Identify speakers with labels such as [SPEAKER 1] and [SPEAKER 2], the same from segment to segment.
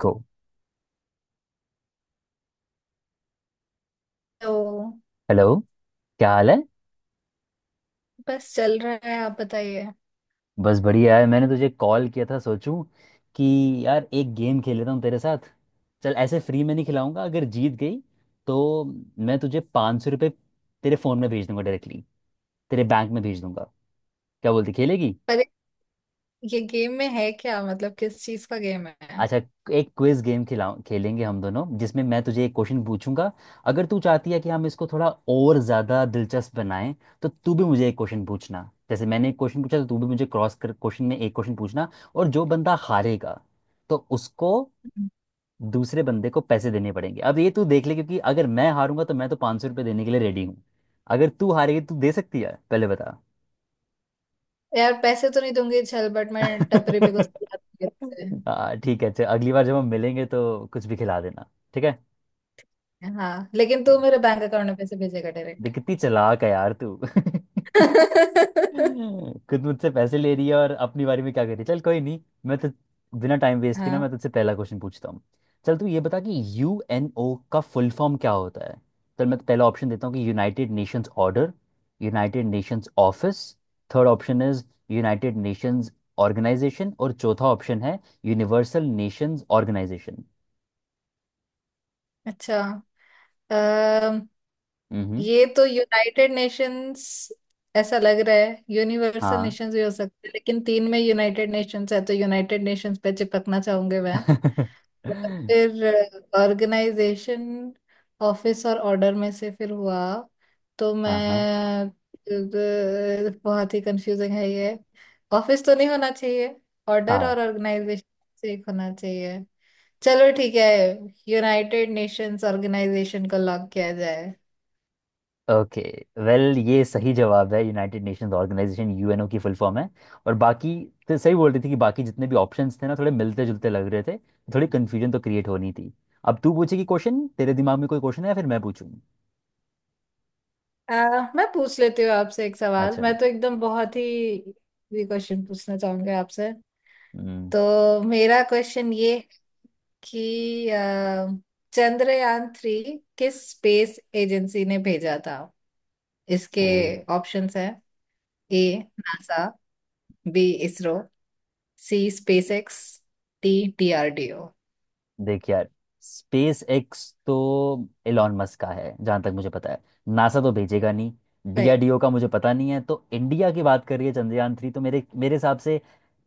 [SPEAKER 1] गो।
[SPEAKER 2] तो
[SPEAKER 1] हेलो, क्या हाल है?
[SPEAKER 2] बस चल रहा है, आप बताइए।
[SPEAKER 1] बस बढ़िया है। मैंने तुझे कॉल किया था, सोचूं कि यार एक गेम खेल लेता हूँ तेरे साथ। चल, ऐसे फ्री में नहीं खिलाऊंगा। अगर जीत गई तो मैं तुझे 500 रुपये तेरे फ़ोन में भेज दूंगा, डायरेक्टली तेरे बैंक में भेज दूंगा। क्या बोलती, खेलेगी?
[SPEAKER 2] पर ये गेम में है क्या, मतलब किस चीज का गेम है?
[SPEAKER 1] अच्छा, एक क्विज गेम खिलाऊं, खेलेंगे हम दोनों, जिसमें मैं तुझे एक क्वेश्चन पूछूंगा। अगर तू चाहती है कि हम इसको थोड़ा और ज़्यादा दिलचस्प बनाएं, तो तू भी मुझे एक क्वेश्चन पूछना। जैसे मैंने एक क्वेश्चन पूछा, तो तू भी मुझे क्रॉस कर क्वेश्चन में एक क्वेश्चन पूछना। और जो बंदा हारेगा तो उसको
[SPEAKER 2] हम्म।
[SPEAKER 1] दूसरे बंदे को पैसे देने पड़ेंगे। अब ये तू देख ले, क्योंकि अगर मैं हारूंगा तो मैं तो 500 रुपये देने के लिए रेडी हूँ। अगर तू हारेगी तो तू दे सकती है, पहले बता।
[SPEAKER 2] यार पैसे तो नहीं दूंगी, चल बट मैं टपरी पे कुछ खिला दूंगी।
[SPEAKER 1] हाँ, ठीक है। अच्छा, अगली बार जब हम मिलेंगे तो कुछ भी खिला देना, ठीक है।
[SPEAKER 2] हाँ लेकिन तू मेरे बैंक अकाउंट में पैसे भेजेगा डायरेक्ट।
[SPEAKER 1] दिखती चालाक है यार तू। खुद मुझसे पैसे ले रही है और अपनी बारे में क्या कर रही है। चल, कोई नहीं। मैं तो बिना टाइम वेस्ट किए ना
[SPEAKER 2] हाँ।
[SPEAKER 1] मैं तुझसे पहला क्वेश्चन पूछता हूँ। चल, तू ये बता कि यू एन ओ का फुल फॉर्म क्या होता है। चल, मैं तो पहला ऑप्शन देता हूँ कि United Nations order, United Nations office, third option is United Nations organisation, और चौथा ऑप्शन है यूनिवर्सल नेशंस ऑर्गेनाइजेशन।
[SPEAKER 2] अच्छा। अम,
[SPEAKER 1] हम्म।
[SPEAKER 2] ये तो यूनाइटेड नेशंस ऐसा लग रहा है। यूनिवर्सल
[SPEAKER 1] हाँ।
[SPEAKER 2] नेशंस भी हो सकते हैं, लेकिन तीन में यूनाइटेड नेशंस है तो यूनाइटेड नेशंस पे चिपकना चाहूंगी मैं। और फिर ऑर्गेनाइजेशन, ऑफिस और ऑर्डर में से फिर हुआ तो
[SPEAKER 1] हाँ
[SPEAKER 2] मैं
[SPEAKER 1] हाँ,
[SPEAKER 2] बहुत ही कंफ्यूजिंग है ये। ऑफिस तो नहीं होना चाहिए, ऑर्डर
[SPEAKER 1] हाँ।
[SPEAKER 2] और ऑर्गेनाइजेशन से एक होना चाहिए। चलो ठीक है, यूनाइटेड नेशंस ऑर्गेनाइजेशन को लॉक किया जाए।
[SPEAKER 1] ओके, वेल, ये सही जवाब है। यूनाइटेड नेशंस ऑर्गेनाइजेशन यूएनओ की फुल फॉर्म है। और बाकी तो सही बोल रही थी कि बाकी जितने भी ऑप्शंस थे ना थोड़े मिलते जुलते लग रहे थे, थोड़ी कन्फ्यूजन तो क्रिएट होनी थी। अब तू पूछेगी क्वेश्चन। तेरे दिमाग में कोई क्वेश्चन है या फिर मैं पूछूं?
[SPEAKER 2] मैं पूछ लेती हूँ आपसे एक सवाल।
[SPEAKER 1] अच्छा।
[SPEAKER 2] मैं तो एकदम बहुत ही क्वेश्चन पूछना चाहूंगी आपसे।
[SPEAKER 1] हम्म।
[SPEAKER 2] तो मेरा क्वेश्चन ये कि चंद्रयान थ्री किस स्पेस एजेंसी ने भेजा था? इसके
[SPEAKER 1] तो
[SPEAKER 2] ऑप्शंस हैं, A NASA, B ISRO, C SpaceX, D DRDO.
[SPEAKER 1] देख यार, स्पेस एक्स तो एलॉन मस्क का है जहां तक मुझे पता है। नासा तो भेजेगा नहीं।
[SPEAKER 2] भाई
[SPEAKER 1] डीआरडीओ का मुझे पता नहीं है। तो इंडिया की बात कर रही है, चंद्रयान थ्री, तो मेरे मेरे हिसाब से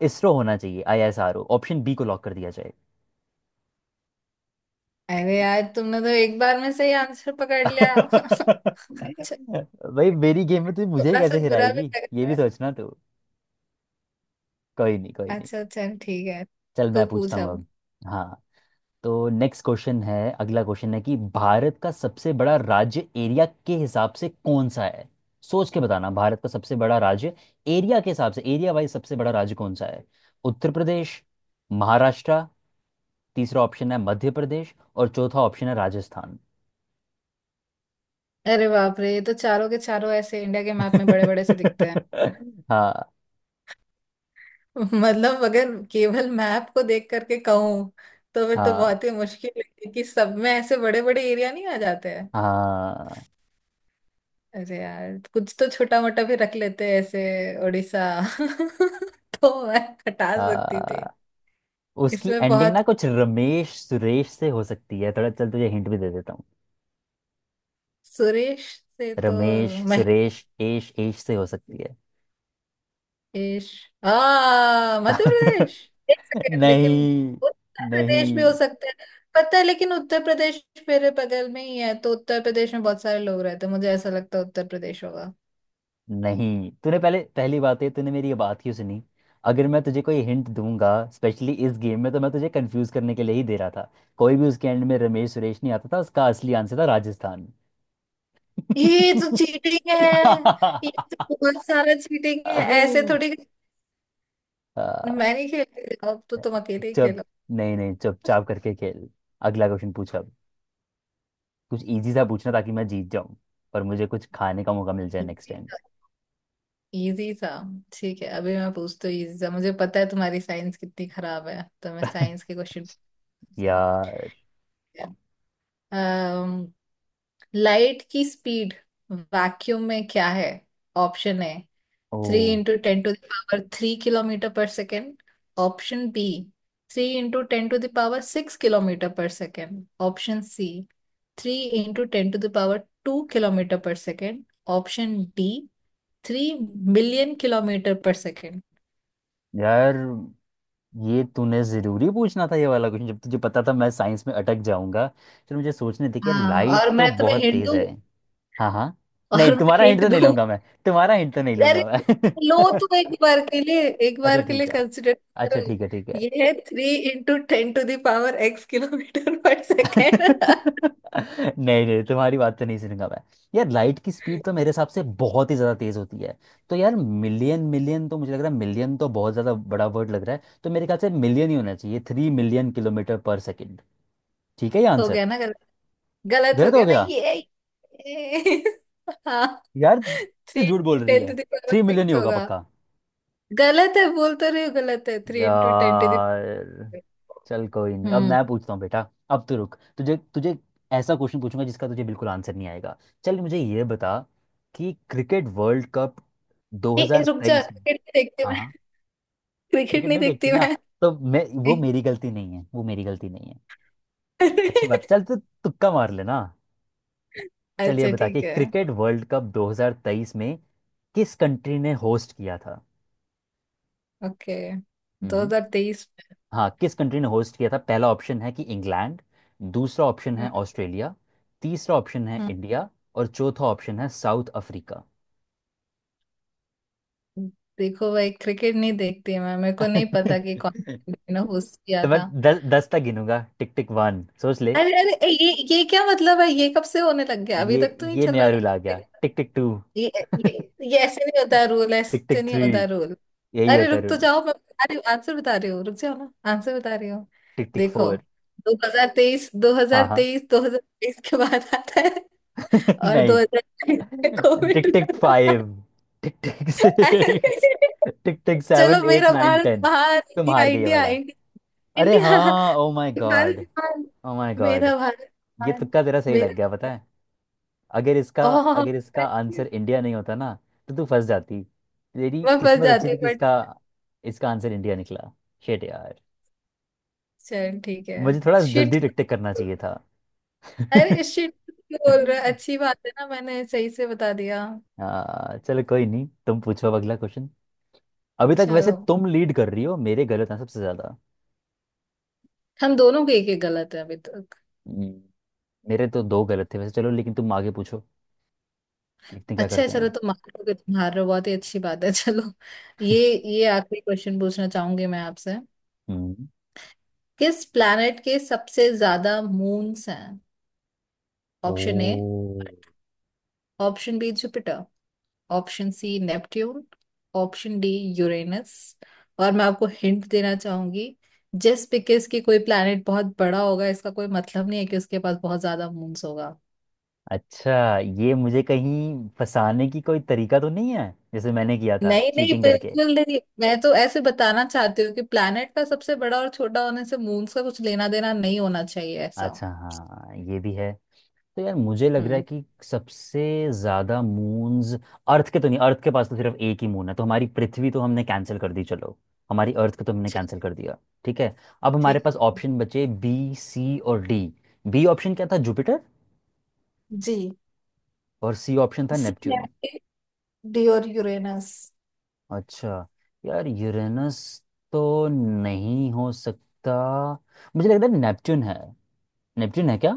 [SPEAKER 1] इसरो होना चाहिए। आईएसआरओ ऑप्शन बी को लॉक कर दिया।
[SPEAKER 2] अरे यार, तुमने तो एक बार में सही आंसर पकड़ लिया। अच्छा,
[SPEAKER 1] भाई, मेरी गेम में तू मुझे ही
[SPEAKER 2] थोड़ा सा
[SPEAKER 1] कैसे
[SPEAKER 2] बुरा भी
[SPEAKER 1] हिराएगी?
[SPEAKER 2] लग
[SPEAKER 1] ये
[SPEAKER 2] रहा
[SPEAKER 1] भी
[SPEAKER 2] है।
[SPEAKER 1] सोचना तू। कोई नहीं, कोई नहीं।
[SPEAKER 2] अच्छा चल ठीक है,
[SPEAKER 1] चल, मैं
[SPEAKER 2] तो
[SPEAKER 1] पूछता
[SPEAKER 2] पूछ
[SPEAKER 1] हूँ
[SPEAKER 2] अब।
[SPEAKER 1] अब। हाँ। तो नेक्स्ट क्वेश्चन है, अगला क्वेश्चन है कि भारत का सबसे बड़ा राज्य एरिया के हिसाब से कौन सा है। सोच के बताना, भारत का सबसे बड़ा राज्य, एरिया के हिसाब से, एरिया वाइज सबसे बड़ा राज्य कौन सा है। उत्तर प्रदेश, महाराष्ट्र, तीसरा ऑप्शन है मध्य प्रदेश, और चौथा ऑप्शन है राजस्थान।
[SPEAKER 2] अरे बाप रे, ये तो चारों के चारों ऐसे इंडिया के मैप में बड़े बड़े से दिखते हैं।
[SPEAKER 1] हाँ।
[SPEAKER 2] मतलब अगर केवल मैप को देख करके कहूँ तो फिर तो
[SPEAKER 1] हाँ,
[SPEAKER 2] बहुत ही मुश्किल है कि सब में ऐसे बड़े बड़े एरिया नहीं आ जाते हैं।
[SPEAKER 1] हाँ।
[SPEAKER 2] अरे यार, कुछ तो छोटा मोटा भी रख लेते हैं, ऐसे उड़ीसा। तो मैं हटा सकती थी।
[SPEAKER 1] आ, उसकी
[SPEAKER 2] इसमें
[SPEAKER 1] एंडिंग
[SPEAKER 2] बहुत
[SPEAKER 1] ना कुछ रमेश सुरेश से हो सकती है थोड़ा। चल, तुझे हिंट भी दे देता हूँ।
[SPEAKER 2] सुरेश से तो
[SPEAKER 1] रमेश सुरेश एश एश से हो सकती है।
[SPEAKER 2] महेश, आ मध्य प्रदेश। एक सेकेंड, लेकिन
[SPEAKER 1] नहीं,
[SPEAKER 2] उत्तर प्रदेश भी हो
[SPEAKER 1] नहीं।
[SPEAKER 2] सकता है, पता है। लेकिन उत्तर प्रदेश मेरे बगल में ही है, तो उत्तर प्रदेश में बहुत सारे लोग रहते हैं, मुझे ऐसा लगता है उत्तर प्रदेश होगा।
[SPEAKER 1] नहीं, तूने पहले, पहली बात है तूने मेरी ये बात क्यों सुनी? अगर मैं तुझे कोई हिंट दूंगा स्पेशली इस गेम में, तो मैं तुझे कंफ्यूज करने के लिए ही दे रहा था। कोई भी उसके एंड में रमेश सुरेश नहीं आता था। उसका असली आंसर था राजस्थान।
[SPEAKER 2] ये तो चीटिंग है। ये तो बहुत सारा चीटिंग है। ऐसे थोड़ी,
[SPEAKER 1] आ,
[SPEAKER 2] मैं नहीं खेलती अब तो, तुम अकेले ही
[SPEAKER 1] चुप।
[SPEAKER 2] खेलो।
[SPEAKER 1] नहीं, नहीं, चुपचाप करके खेल। अगला क्वेश्चन पूछ अब। कुछ इजी सा पूछना, ताकि मैं जीत जाऊं, पर मुझे कुछ खाने का मौका मिल जाए नेक्स्ट
[SPEAKER 2] इजी
[SPEAKER 1] टाइम।
[SPEAKER 2] सा easy सा। ठीक है अभी मैं पूछती हूँ इजी सा। मुझे पता है तुम्हारी साइंस कितनी खराब है, तो मैं साइंस के क्वेश्चन।
[SPEAKER 1] यार।
[SPEAKER 2] लाइट की स्पीड वैक्यूम में क्या है? ऑप्शन है
[SPEAKER 1] oh,
[SPEAKER 2] three into ten to the power three kilometre per second, option B three into ten to the power six kilometre per second, option C three into ten to the power two kilometre per second, option D three million kilometre per second.
[SPEAKER 1] यार, ये तूने जरूरी पूछना था ये वाला question, जब तुझे पता था मैं साइंस में अटक जाऊंगा। चल, मुझे सोचने दे कि यार,
[SPEAKER 2] हाँ,
[SPEAKER 1] लाइट
[SPEAKER 2] और
[SPEAKER 1] तो
[SPEAKER 2] मैं तुम्हें
[SPEAKER 1] बहुत
[SPEAKER 2] हिंट
[SPEAKER 1] तेज
[SPEAKER 2] दूँ।
[SPEAKER 1] है। हाँ, हाँ। नहीं,
[SPEAKER 2] और मैं
[SPEAKER 1] तुम्हारा हिंट
[SPEAKER 2] हिंट
[SPEAKER 1] तो नहीं
[SPEAKER 2] दूँ,
[SPEAKER 1] लूंगा मैं। तुम्हारा हिंट तो नहीं
[SPEAKER 2] अरे
[SPEAKER 1] लूंगा मैं।
[SPEAKER 2] लो तुम। एक बार के लिए, एक
[SPEAKER 1] अच्छा
[SPEAKER 2] बार के
[SPEAKER 1] ठीक
[SPEAKER 2] लिए
[SPEAKER 1] है।
[SPEAKER 2] कंसिडर
[SPEAKER 1] अच्छा
[SPEAKER 2] करो।
[SPEAKER 1] ठीक है, ठीक है।
[SPEAKER 2] ये है three into ten to the power x kilometre per second.
[SPEAKER 1] नहीं, नहीं, तुम्हारी बात तो नहीं सुनूंगा मैं। यार, लाइट की स्पीड तो मेरे हिसाब से बहुत ही ज्यादा तेज होती है। तो यार, मिलियन मिलियन तो मुझे लग रहा है। मिलियन तो बहुत ज्यादा बड़ा वर्ड लग रहा है, तो मेरे ख्याल से मिलियन ही होना चाहिए। Three million kilometre per second. ठीक है, ये
[SPEAKER 2] हो
[SPEAKER 1] आंसर।
[SPEAKER 2] गया ना? गलत हो
[SPEAKER 1] गलत हो
[SPEAKER 2] गया ना
[SPEAKER 1] गया?
[SPEAKER 2] ये? ये- हाँ,
[SPEAKER 1] यार, तू
[SPEAKER 2] थ्री
[SPEAKER 1] झूठ बोल
[SPEAKER 2] इंटू
[SPEAKER 1] रही
[SPEAKER 2] टेन
[SPEAKER 1] है।
[SPEAKER 2] टू दावर
[SPEAKER 1] थ्री मिलियन ही
[SPEAKER 2] सिक्स
[SPEAKER 1] होगा,
[SPEAKER 2] होगा।
[SPEAKER 1] पक्का।
[SPEAKER 2] गलत है, बोल तो रही हूँ गलत है, three into ten to the power.
[SPEAKER 1] यार, चल कोई नहीं। अब
[SPEAKER 2] हम्म।
[SPEAKER 1] मैं पूछता हूँ बेटा। अब तो रुक। तुझे तुझे ऐसा क्वेश्चन पूछूंगा जिसका तुझे बिल्कुल आंसर नहीं आएगा। चल, मुझे ये बता कि क्रिकेट वर्ल्ड कप
[SPEAKER 2] ए, ए, रुक जा,
[SPEAKER 1] 2023 में।
[SPEAKER 2] क्रिकेट नहीं देखती
[SPEAKER 1] हाँ,
[SPEAKER 2] मैं।
[SPEAKER 1] हाँ।
[SPEAKER 2] क्रिकेट
[SPEAKER 1] क्रिकेट
[SPEAKER 2] नहीं
[SPEAKER 1] नहीं देखती
[SPEAKER 2] देखती
[SPEAKER 1] ना,
[SPEAKER 2] मैं।
[SPEAKER 1] तो मैं, वो मेरी गलती नहीं है, वो मेरी गलती नहीं है। अच्छी बात। चल तो तुक्का मार लेना। चल, ये
[SPEAKER 2] अच्छा
[SPEAKER 1] बता कि
[SPEAKER 2] ठीक है।
[SPEAKER 1] क्रिकेट वर्ल्ड कप 2023 में किस कंट्री ने होस्ट किया था।
[SPEAKER 2] ओके।
[SPEAKER 1] हम्म।
[SPEAKER 2] 2023
[SPEAKER 1] हाँ, किस कंट्री ने होस्ट किया था। पहला ऑप्शन है कि इंग्लैंड, दूसरा ऑप्शन है
[SPEAKER 2] में।
[SPEAKER 1] ऑस्ट्रेलिया, तीसरा ऑप्शन है
[SPEAKER 2] हम्म,
[SPEAKER 1] इंडिया, और चौथा ऑप्शन है साउथ अफ्रीका।
[SPEAKER 2] हम्म। देखो भाई, क्रिकेट नहीं देखती मैं, मेरे को नहीं पता कि कौन ने होस्ट किया
[SPEAKER 1] तो मैं
[SPEAKER 2] था।
[SPEAKER 1] 10 10 तक गिनूंगा। टिक टिक वन, सोच ले।
[SPEAKER 2] अरे अरे ए, ये क्या मतलब है? ये कब से होने लग गया, अभी
[SPEAKER 1] ये
[SPEAKER 2] तक तो नहीं
[SPEAKER 1] ये
[SPEAKER 2] चल
[SPEAKER 1] नया
[SPEAKER 2] रहा
[SPEAKER 1] रूल आ
[SPEAKER 2] था।
[SPEAKER 1] गया। टिक टिक टू।
[SPEAKER 2] ये ये ये ऐसे नहीं होता रूल,
[SPEAKER 1] टिक
[SPEAKER 2] ऐसे
[SPEAKER 1] टिक
[SPEAKER 2] नहीं
[SPEAKER 1] थ्री,
[SPEAKER 2] होता रूल।
[SPEAKER 1] यही
[SPEAKER 2] अरे
[SPEAKER 1] होता है
[SPEAKER 2] रुक तो
[SPEAKER 1] रूल।
[SPEAKER 2] जाओ, मैं बता रही हूँ आंसर, बता रही हूँ, रुक जाओ ना, आंसर बता रही हूँ।
[SPEAKER 1] टिक टिक
[SPEAKER 2] देखो,
[SPEAKER 1] फोर।
[SPEAKER 2] 2023,
[SPEAKER 1] हाँ, हाँ।
[SPEAKER 2] 2023, 2023 के बाद आता है, और
[SPEAKER 1] नहीं।
[SPEAKER 2] 2023 में covid.
[SPEAKER 1] Tick tick five, tick tick six, tick tick
[SPEAKER 2] चलो
[SPEAKER 1] सेवन, एट,
[SPEAKER 2] मेरा
[SPEAKER 1] नाइन,
[SPEAKER 2] भारत
[SPEAKER 1] टेन।
[SPEAKER 2] महान।
[SPEAKER 1] तुम हार गई ये
[SPEAKER 2] इंडिया, इंडिया,
[SPEAKER 1] वाला। अरे
[SPEAKER 2] इंडिया।
[SPEAKER 1] हाँ, ओ माय
[SPEAKER 2] भारत
[SPEAKER 1] गॉड।
[SPEAKER 2] महान,
[SPEAKER 1] ओ माय गॉड।
[SPEAKER 2] मेरा भारत
[SPEAKER 1] ये
[SPEAKER 2] महान।
[SPEAKER 1] तुक्का तेरा सही लग गया,
[SPEAKER 2] मेरा,
[SPEAKER 1] पता है। अगर इसका,
[SPEAKER 2] ओह,
[SPEAKER 1] अगर इसका आंसर इंडिया नहीं होता ना, तो तू फंस जाती। तेरी
[SPEAKER 2] मैं फंस
[SPEAKER 1] किस्मत अच्छी
[SPEAKER 2] जाती हूँ।
[SPEAKER 1] थी कि इसका, इसका आंसर इंडिया निकला। शेट यार,
[SPEAKER 2] चल ठीक है।
[SPEAKER 1] मुझे थोड़ा
[SPEAKER 2] शिट।
[SPEAKER 1] जल्दी टिक टिक करना चाहिए था।
[SPEAKER 2] अरे शिट क्यों बोल रहा है, अच्छी बात है ना मैंने सही से बता दिया।
[SPEAKER 1] चलो कोई नहीं, तुम पूछो अब अगला क्वेश्चन। अभी तक वैसे
[SPEAKER 2] चलो
[SPEAKER 1] तुम लीड कर रही हो, मेरे गलत हैं सबसे ज्यादा।
[SPEAKER 2] हम दोनों के एक एक गलत है अभी तक।
[SPEAKER 1] हम्म, मेरे तो दो गलत थे वैसे। चलो, लेकिन तुम आगे पूछो। देखते हैं क्या
[SPEAKER 2] अच्छा है,
[SPEAKER 1] करते हैं
[SPEAKER 2] चलो
[SPEAKER 1] अब।
[SPEAKER 2] तुम मान लो कि तुम हार रहे हो, बहुत ही अच्छी बात है। चलो, ये ये आखिरी क्वेश्चन पूछना चाहूंगी मैं आपसे।
[SPEAKER 1] हम्म।
[SPEAKER 2] किस प्लैनेट के सबसे ज्यादा मून्स हैं?
[SPEAKER 1] Oh,
[SPEAKER 2] option A, option B Jupiter, option C Neptune, option D Uranus. और मैं आपको हिंट देना चाहूंगी, जस्ट बिकॉज कि कोई प्लैनेट बहुत बड़ा होगा इसका कोई मतलब नहीं है कि उसके पास बहुत ज्यादा मून्स होगा।
[SPEAKER 1] अच्छा, ये मुझे कहीं फंसाने की कोई तरीका तो नहीं है, जैसे मैंने किया था
[SPEAKER 2] नहीं नहीं,
[SPEAKER 1] चीटिंग करके?
[SPEAKER 2] बिल्कुल नहीं, मैं तो ऐसे बताना चाहती हूँ कि प्लैनेट का सबसे बड़ा और छोटा होने से मून्स का कुछ लेना देना नहीं होना चाहिए ऐसा।
[SPEAKER 1] अच्छा, हाँ, ये भी है। तो यार, मुझे लग रहा है
[SPEAKER 2] हम्म।
[SPEAKER 1] कि सबसे ज्यादा मून्स, अर्थ के तो नहीं, अर्थ के पास तो सिर्फ एक ही मून है। तो हमारी पृथ्वी तो हमने कैंसिल कर दी। चलो, हमारी अर्थ को तो हमने कैंसिल
[SPEAKER 2] चलो,
[SPEAKER 1] कर दिया। ठीक है, अब हमारे
[SPEAKER 2] ठीक।
[SPEAKER 1] पास ऑप्शन बचे बी, सी और डी। बी ऑप्शन क्या था, जुपिटर।
[SPEAKER 2] जी।
[SPEAKER 1] और सी ऑप्शन था
[SPEAKER 2] सी
[SPEAKER 1] नेपच्यून।
[SPEAKER 2] नेपट्यून, डी और यूरेनस।
[SPEAKER 1] अच्छा। यार, यूरेनस तो नहीं हो सकता। मुझे लग रहा है नेपच्यून है। नेपच्यून है क्या?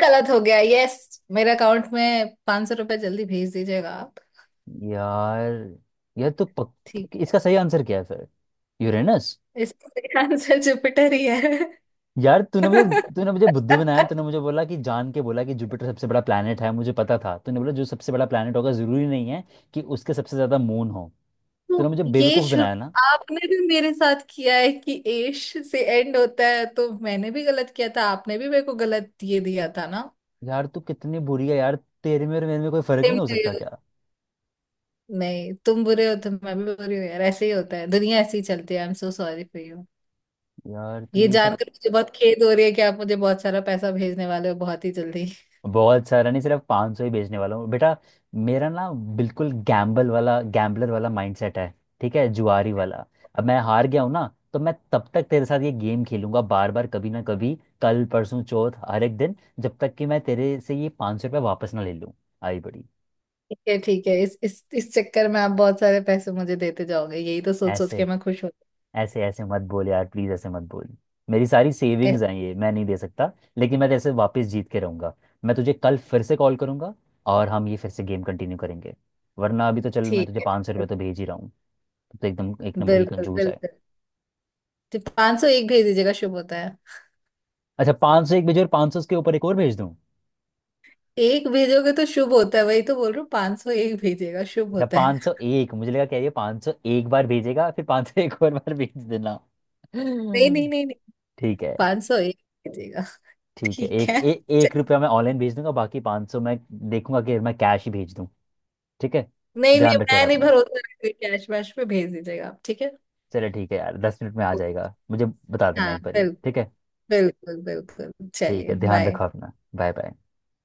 [SPEAKER 2] गलत हो गया, यस। मेरे अकाउंट में ₹500 जल्दी भेज दीजिएगा आप।
[SPEAKER 1] यार। यार तो पक...।
[SPEAKER 2] ठीक।
[SPEAKER 1] इसका सही आंसर क्या है फिर? यूरेनस?
[SPEAKER 2] इसका आंसर जुपिटर ही है।
[SPEAKER 1] यार, तूने मुझे, तूने मुझे बुद्धू बनाया। तूने मुझे बोला कि, जान के बोला कि जुपिटर सबसे बड़ा प्लेनेट है, मुझे पता था। तूने बोला जो सबसे बड़ा प्लेनेट होगा जरूरी नहीं है कि उसके सबसे ज्यादा मून हो।
[SPEAKER 2] तो
[SPEAKER 1] तूने मुझे
[SPEAKER 2] ये
[SPEAKER 1] बेवकूफ
[SPEAKER 2] शुरू
[SPEAKER 1] बनाया ना।
[SPEAKER 2] आपने भी मेरे साथ किया है कि एश से एंड होता है, तो मैंने भी गलत किया था, आपने भी मेरे को गलत ये दिया था ना।
[SPEAKER 1] यार, तू कितनी बुरी है यार। तेरे में और मेरे में कोई फर्क
[SPEAKER 2] तुम
[SPEAKER 1] नहीं हो
[SPEAKER 2] बुरे
[SPEAKER 1] सकता
[SPEAKER 2] हो,
[SPEAKER 1] क्या?
[SPEAKER 2] नहीं तुम बुरे हो तो मैं भी बुरी हूँ यार, ऐसे ही होता है, दुनिया ऐसे ही चलती है। I am so sorry for you.
[SPEAKER 1] यार, तू
[SPEAKER 2] ये
[SPEAKER 1] ये सब।
[SPEAKER 2] जानकर मुझे बहुत खेद हो रही है कि आप मुझे बहुत सारा पैसा भेजने वाले हो बहुत ही जल्दी।
[SPEAKER 1] बहुत सारा नहीं, सिर्फ 500 सौ ही बेचने वाला हूँ बेटा। मेरा ना बिल्कुल गैम्बल वाला, गैम्बलर वाला माइंडसेट है, ठीक है, जुआरी वाला। अब मैं हार गया हूँ ना, तो मैं तब तक तेरे साथ ये गेम खेलूंगा बार बार, कभी ना कभी, कल, परसों, चौथ, हर एक दिन, जब तक कि मैं तेरे से ये 500 सौ रुपये वापस ना ले लूँ। आई बड़ी।
[SPEAKER 2] ठीक है ठीक है, इस इस चक्कर में आप बहुत सारे पैसे मुझे देते जाओगे, यही तो सोच सोच के
[SPEAKER 1] ऐसे,
[SPEAKER 2] मैं खुश होती
[SPEAKER 1] ऐसे, ऐसे मत बोल यार, प्लीज ऐसे मत बोल। मेरी सारी
[SPEAKER 2] हूँ। ऐ-
[SPEAKER 1] सेविंग्स हैं ये, मैं नहीं दे सकता। लेकिन मैं जैसे वापस जीत के रहूंगा, मैं तुझे कल फिर से कॉल करूंगा, और हम ये फिर से गेम कंटिन्यू करेंगे। वरना अभी तो चल, मैं
[SPEAKER 2] ठीक
[SPEAKER 1] तुझे
[SPEAKER 2] है,
[SPEAKER 1] 500 रुपये तो भेज ही रहा हूँ। तो एकदम एक नंबर की
[SPEAKER 2] बिल्कुल
[SPEAKER 1] कंजूस है।
[SPEAKER 2] बिल्कुल। तो 501 भेज दीजिएगा, शुभ होता है।
[SPEAKER 1] अच्छा, पाँच सौ एक भेजो और पाँच सौ उसके ऊपर एक और भेज दूँ?
[SPEAKER 2] एक भेजोगे तो शुभ होता है, वही तो बोल रहा हूँ, 501 भेजिएगा, शुभ
[SPEAKER 1] अच्छा,
[SPEAKER 2] होता है।
[SPEAKER 1] पाँच सौ एक। मुझे लगा क्या, ये पाँच सौ एक बार भेजेगा फिर पाँच सौ एक और बार भेज देना।
[SPEAKER 2] नहीं नहीं नहीं नहीं,
[SPEAKER 1] ठीक है।
[SPEAKER 2] 501 भेजिएगा।
[SPEAKER 1] ठीक है,
[SPEAKER 2] ठीक है। च-
[SPEAKER 1] एक रुपया मैं ऑनलाइन भेज दूंगा, बाकी पाँच सौ मैं देखूंगा कि मैं कैश ही भेज दूँ। ठीक है,
[SPEAKER 2] नहीं नहीं,
[SPEAKER 1] ध्यान रखे यार
[SPEAKER 2] मैं नहीं
[SPEAKER 1] अपना।
[SPEAKER 2] भरोसा रखती, कैश वैश पे भेज दीजिएगा आप, ठीक है।
[SPEAKER 1] चले, ठीक है यार, 10 मिनट में आ जाएगा मुझे, बता देना
[SPEAKER 2] हाँ
[SPEAKER 1] एक बारी,
[SPEAKER 2] बिल्कुल,
[SPEAKER 1] ठीक है।
[SPEAKER 2] बिल्कुल बिल्कुल।
[SPEAKER 1] ठीक है,
[SPEAKER 2] चलिए
[SPEAKER 1] ध्यान
[SPEAKER 2] बाय।
[SPEAKER 1] रखो अपना, बाय बाय।